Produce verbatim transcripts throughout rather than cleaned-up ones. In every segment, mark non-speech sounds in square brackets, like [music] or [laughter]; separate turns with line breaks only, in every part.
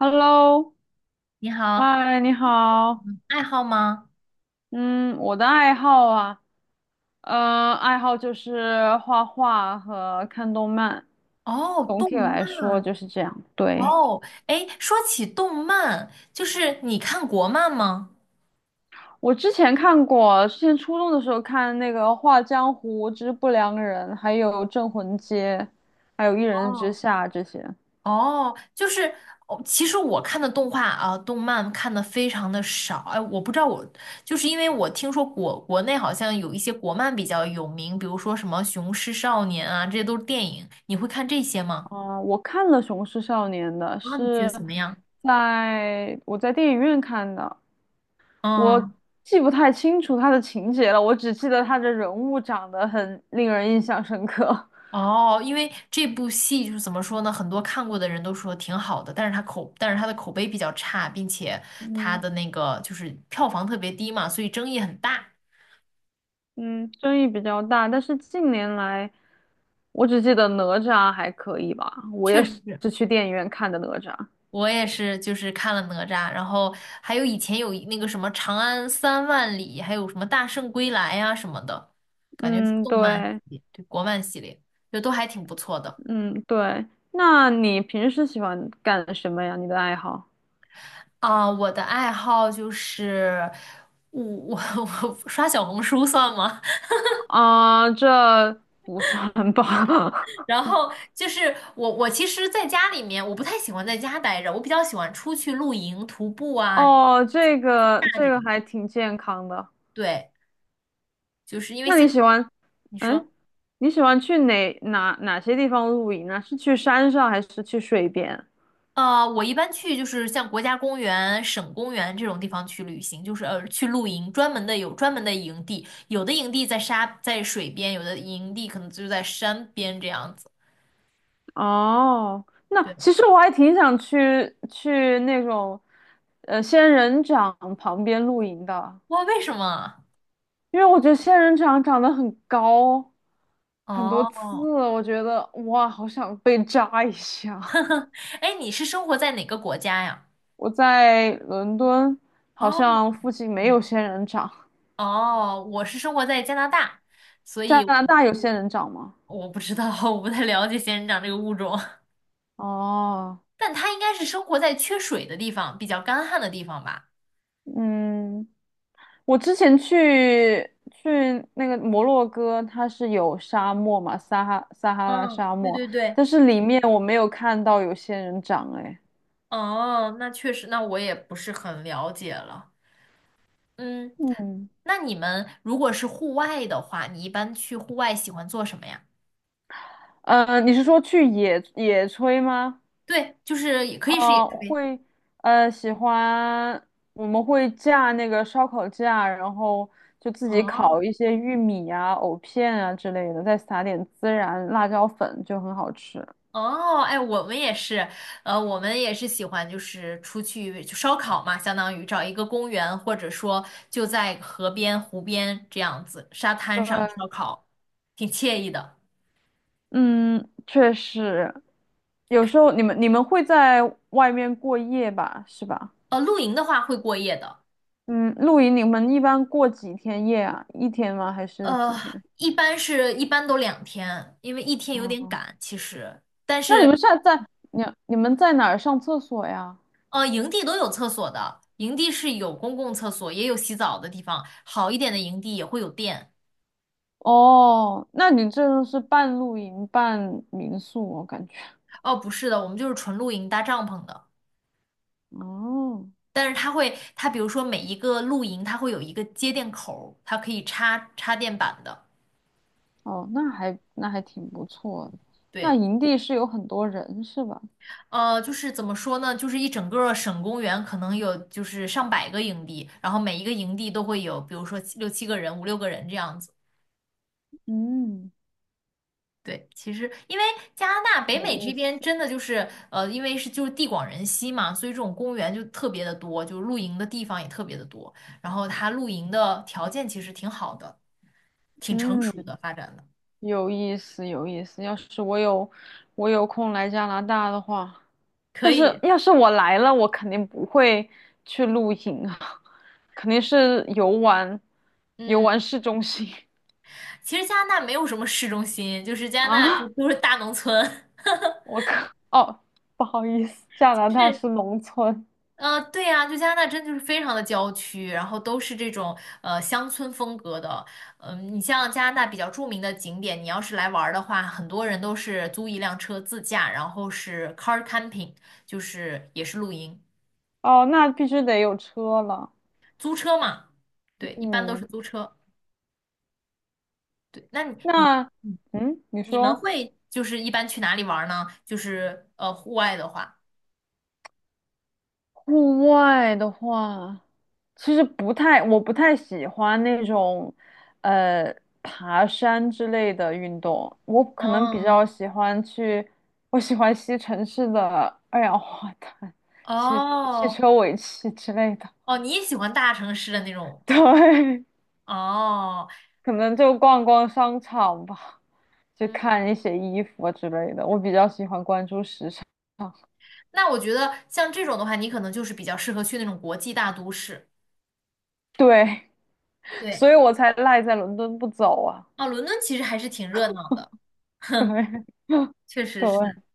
Hello，
你好，
嗨，你好。
爱好吗？
嗯，我的爱好啊，呃，爱好就是画画和看动漫。
哦，
总
动
体来说
漫。
就是这样。对，
哦，哎，说起动漫，就是你看国漫吗？
我之前看过，之前初中的时候看那个《画江湖之不良人》，还有《镇魂街》，还有《一人之
哦，
下》这些。
哦，就是哦，其实我看的动画啊，动漫看的非常的少。哎，我不知道我，就是因为我听说国国内好像有一些国漫比较有名，比如说什么《雄狮少年》啊，这些都是电影。你会看这些吗？
哦我看了《雄狮少年》的，
啊，你觉得
是
怎么样？
在我在电影院看的。我
嗯。
记不太清楚他的情节了，我只记得他的人物长得很令人印象深刻。
哦，因为这部戏就是怎么说呢，很多看过的人都说挺好的，但是它口，但是它的口碑比较差，并且
[laughs]
它
嗯
的那个就是票房特别低嘛，所以争议很大。
嗯，争议比较大，但是近年来，我只记得哪吒还可以吧，我
确
也
实
是
是，
去电影院看的哪吒。
我也是，就是看了哪吒，然后还有以前有一那个什么《长安三万里》，还有什么《大圣归来》呀什么的，感觉是
嗯，
动漫系
对，
列，对，国漫系列，就都还挺不错的。
嗯对。那你平时喜欢干什么呀？你的爱好？
啊，我的爱好就是我我我 [laughs] 刷小红书算吗？
啊、这不算吧？
然后就是我，我其实在家里面，我不太喜欢在家待着，我比较喜欢出去露营、徒步
[laughs]
啊、
哦，这个
大
这
这
个
种。
还挺健康的。
对，就是因为
那
现
你
在
喜欢？
你
嗯？
说，
你喜欢去哪哪哪些地方露营呢？是去山上还是去水边？
呃，我一般去就是像国家公园、省公园这种地方去旅行，就是呃去露营，专门的有专门的营地，有的营地在沙在水边，有的营地可能就在山边这样子。
哦，那
对，
其实我还挺想去去那种，呃，仙人掌旁边露营的，
哇，为什么啊？
因为我觉得仙人掌长得很高，很多刺，
哦，
我觉得哇，好想被扎一下。
[laughs] 哎，你是生活在哪个国家呀？
[laughs] 我在伦敦好
哦，
像附近没
嗯。
有仙人掌，
哦，我是生活在加拿大，所
加
以
拿大有仙人掌吗？
我不知道，[laughs] 我不太了解仙人掌这个物种，
哦，
[laughs] 但它应该是生活在缺水的地方，比较干旱的地方吧？
嗯。我之前去去那个摩洛哥，它是有沙漠嘛，撒哈撒哈拉
嗯，
沙
对
漠，
对对，
但是里面我没有看到有仙人掌，哎，
哦，那确实，那我也不是很了解了。嗯，
嗯，
那你们如果是户外的话，你一般去户外喜欢做什么呀？
呃，你是说去野野炊吗？
对，就是也可以是野
啊、
炊。
会，呃，喜欢，我们会架那个烧烤架，然后就自己
哦，
烤一些玉米啊、藕片啊之类的，再撒点孜然、辣椒粉，就很好吃。
哦，哎，我们也是，呃，我们也是喜欢就是出去就烧烤嘛，相当于找一个公园，或者说就在河边、湖边这样子，沙滩
对，
上烧烤，挺惬意的。
嗯，确实，有时候你们你们会在外面过夜吧，是吧？
呃，露营的话会过夜的，
嗯，露营你们一般过几天夜啊？一天吗？还是几
呃，
天？
一般是一般都两天，因为一天有点
哦，
赶其实，但
那你
是
们现在在你你们在哪儿上厕所呀？
呃，营地都有厕所的，营地是有公共厕所，也有洗澡的地方，好一点的营地也会有电。
哦，那你这就是半露营半民宿，我感觉。
哦，不是的，我们就是纯露营搭帐篷的。
哦
但是它会，它比如说每一个露营，它会有一个接电口儿它可以插插电板的。
哦，那还那还挺不错的。那
对，
营地是有很多人是吧？
呃，就是怎么说呢？就是一整个省公园可能有就是上百个营地，然后每一个营地都会有，比如说七六七个人、五六个人这样子。
嗯，
对，其实因为加拿大北
有
美这
意思。
边真的就是呃，因为是就是地广人稀嘛，所以这种公园就特别的多，就是露营的地方也特别的多，然后它露营的条件其实挺好的，挺成熟
嗯。
的发展的，
有意思，有意思。要是我有我有空来加拿大的话，
可
但是
以。
要是我来了，我肯定不会去露营啊，[laughs] 肯定是游玩，游
嗯。
玩市中心
其实加拿大没有什么市中心，就是
[laughs]
加拿大就
啊。
都是大农村，[laughs]
我靠，哦，不好意思，加拿大
是，
是农村
呃，对呀、就加拿大真就是非常的郊区，然后都是这种呃乡村风格的。嗯、你像加拿大比较著名的景点，你要是来玩儿的话，很多人都是租一辆车自驾，然后是 car camping,就是也是露营，
哦，那必须得有车了。
租车嘛，对，一般都是
嗯，
租车。对，那你你
那
你
嗯，你
你们
说。
会就是一般去哪里玩儿呢？就是呃户外的话，
户外的话，其实不太，我不太喜欢那种，呃，爬山之类的运动。我可能比
嗯。
较喜欢去，我喜欢吸城市的 [laughs] 二氧化碳，汽汽
哦，
车尾气之类的。
哦，你也喜欢大城市的那种
[laughs] 对，
哦，
可能就逛逛商场吧，就
嗯，
看一些衣服啊之类的。我比较喜欢关注时尚，
那我觉得像这种的话，你可能就是比较适合去那种国际大都市。
对，[laughs]
对，
所以我才赖在伦敦不走啊。
哦，伦敦其实还是挺热闹的，
对，[laughs]
确实是，
对。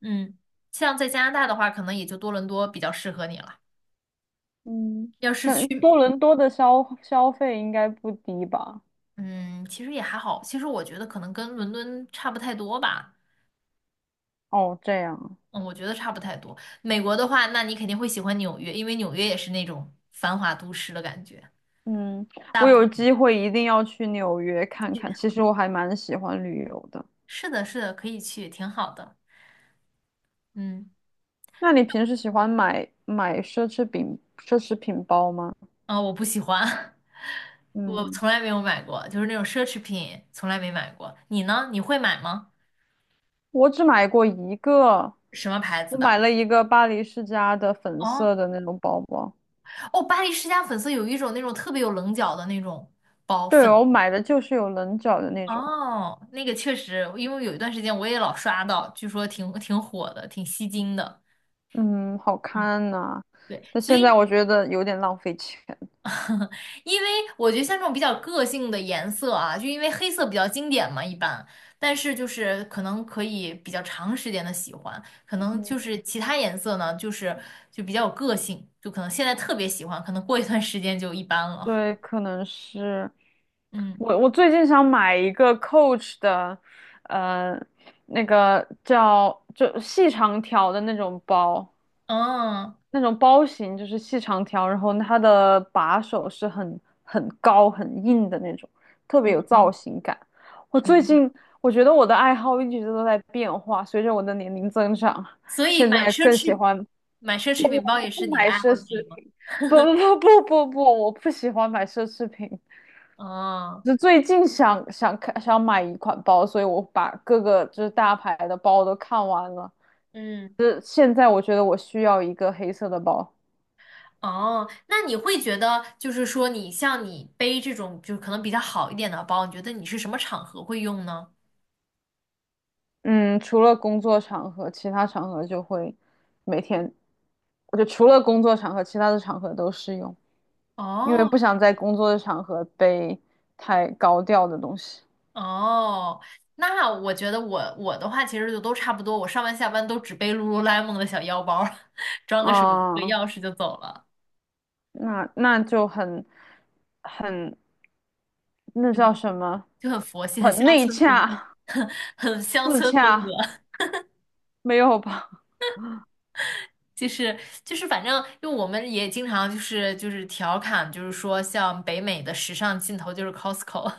嗯，像在加拿大的话，可能也就多伦多比较适合你了。
嗯，
要是
那
去，
多伦多的消消费应该不低吧？
嗯，其实也还好，其实我觉得可能跟伦敦差不太多吧，
哦，这样啊，
嗯，我觉得差不太多。美国的话，那你肯定会喜欢纽约，因为纽约也是那种繁华都市的感觉。
嗯，
大
我
部
有机会一定要去纽约看看。其实我还蛮喜欢旅游的。
是的，是的，可以去，挺好的，嗯。
那你平时喜欢买买奢侈品奢侈品包吗？
啊、我不喜欢，[laughs] 我
嗯，
从来没有买过，就是那种奢侈品，从来没买过。你呢？你会买吗？
我只买过一个，
什么牌子
我
的？
买了一个巴黎世家的粉
哦
色的那种包包。
哦，巴黎世家粉色有一种那种特别有棱角的那种包
对
粉。
哦我买的就是有棱角的那种，
哦，那个确实，因为有一段时间我也老刷到，据说挺挺火的，挺吸睛的。
嗯，好
嗯，
看呐、
对，
但
所
现在
以
我觉得有点浪费钱。
因为我觉得像这种比较个性的颜色啊，就因为黑色比较经典嘛，一般，但是就是可能可以比较长时间的喜欢，可能就
嗯。
是其他颜色呢，就是就比较有个性，就可能现在特别喜欢，可能过一段时间就一般了。
对，可能是
嗯，
我。我最近想买一个 Coach 的，呃，那个叫就细长条的那种包，
哦，
那种包型就是细长条，然后它的把手是很很高很硬的那种，特别有造型感。我
挺
最
好。
近我觉得我的爱好一直都在变化，随着我的年龄增长，
所以
现
买
在
奢
更喜
侈
欢
买奢侈品包也
我
是
不
你的
买
爱
奢
好之
侈
一吗？
品，不不不不不不，我不喜欢买奢侈品。
哦，
就最近想想看想买一款包，所以我把各个就是大牌的包都看完了。
嗯。
就是现在我觉得我需要一个黑色的包，
哦，那你会觉得，就是说，你像你背这种，就是可能比较好一点的包，你觉得你是什么场合会用呢？
嗯，除了工作场合，其他场合就会每天，我就除了工作场合，其他的场合都适用，因为
哦
不想在工作的场合背太高调的东西。
哦，那我觉得我我的话其实就都差不多，我上班下班都只背 Lululemon 的小腰包儿 [laughs] 装个手机、和
啊，
钥匙就走了，
那那就很很那叫什么？
就很佛系，很
很
乡
内
村风，
洽，
[laughs] 很很乡
自
村风
洽，
格。
没有吧？
就是就是反正因为我们也经常就是就是调侃，就是说像北美的时尚尽头就是 Costco。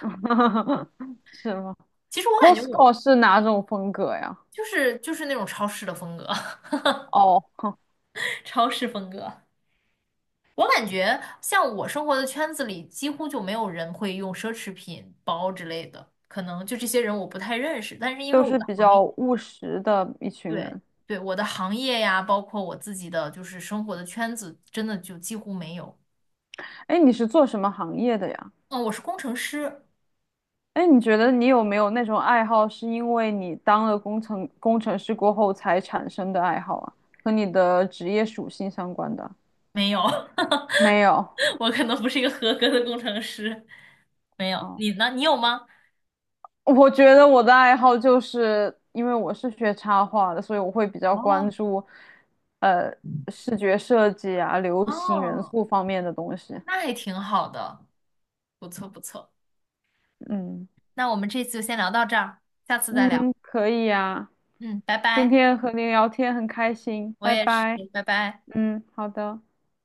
[laughs] 是吗
[laughs] 其实我感觉我
？Costco 是哪种风格呀？
就是就是那种超市的风格，
哦，哼
[laughs] 超市风格。我感觉像我生活的圈子里，几乎就没有人会用奢侈品包之类的，可能就这些人我不太认识。但是因为
都
我
是
的
比
行业，
较务实的一群
对
人。
对，我的行业呀，包括我自己的就是生活的圈子，真的就几乎没有。
哎，你是做什么行业的呀？
嗯，我是工程师，
哎，你觉得你有没有那种爱好，是因为你当了工程工程师过后才产生的爱好啊？和你的职业属性相关的？
没有，
没有。
[laughs] 我可能不是一个合格的工程师，没有。
哦。
你呢？你有吗？
我觉得我的爱好就是因为我是学插画的，所以我会比较关
哦
注，呃，视觉设计啊、流行元
哦，
素方面的东西。
那还挺好的，不错不错。
嗯
那我们这次就先聊到这儿，下次再聊。
嗯，可以呀，
嗯，拜
今
拜。
天和您聊天很开心，
我
拜
也是，
拜。
拜拜。
嗯，好的。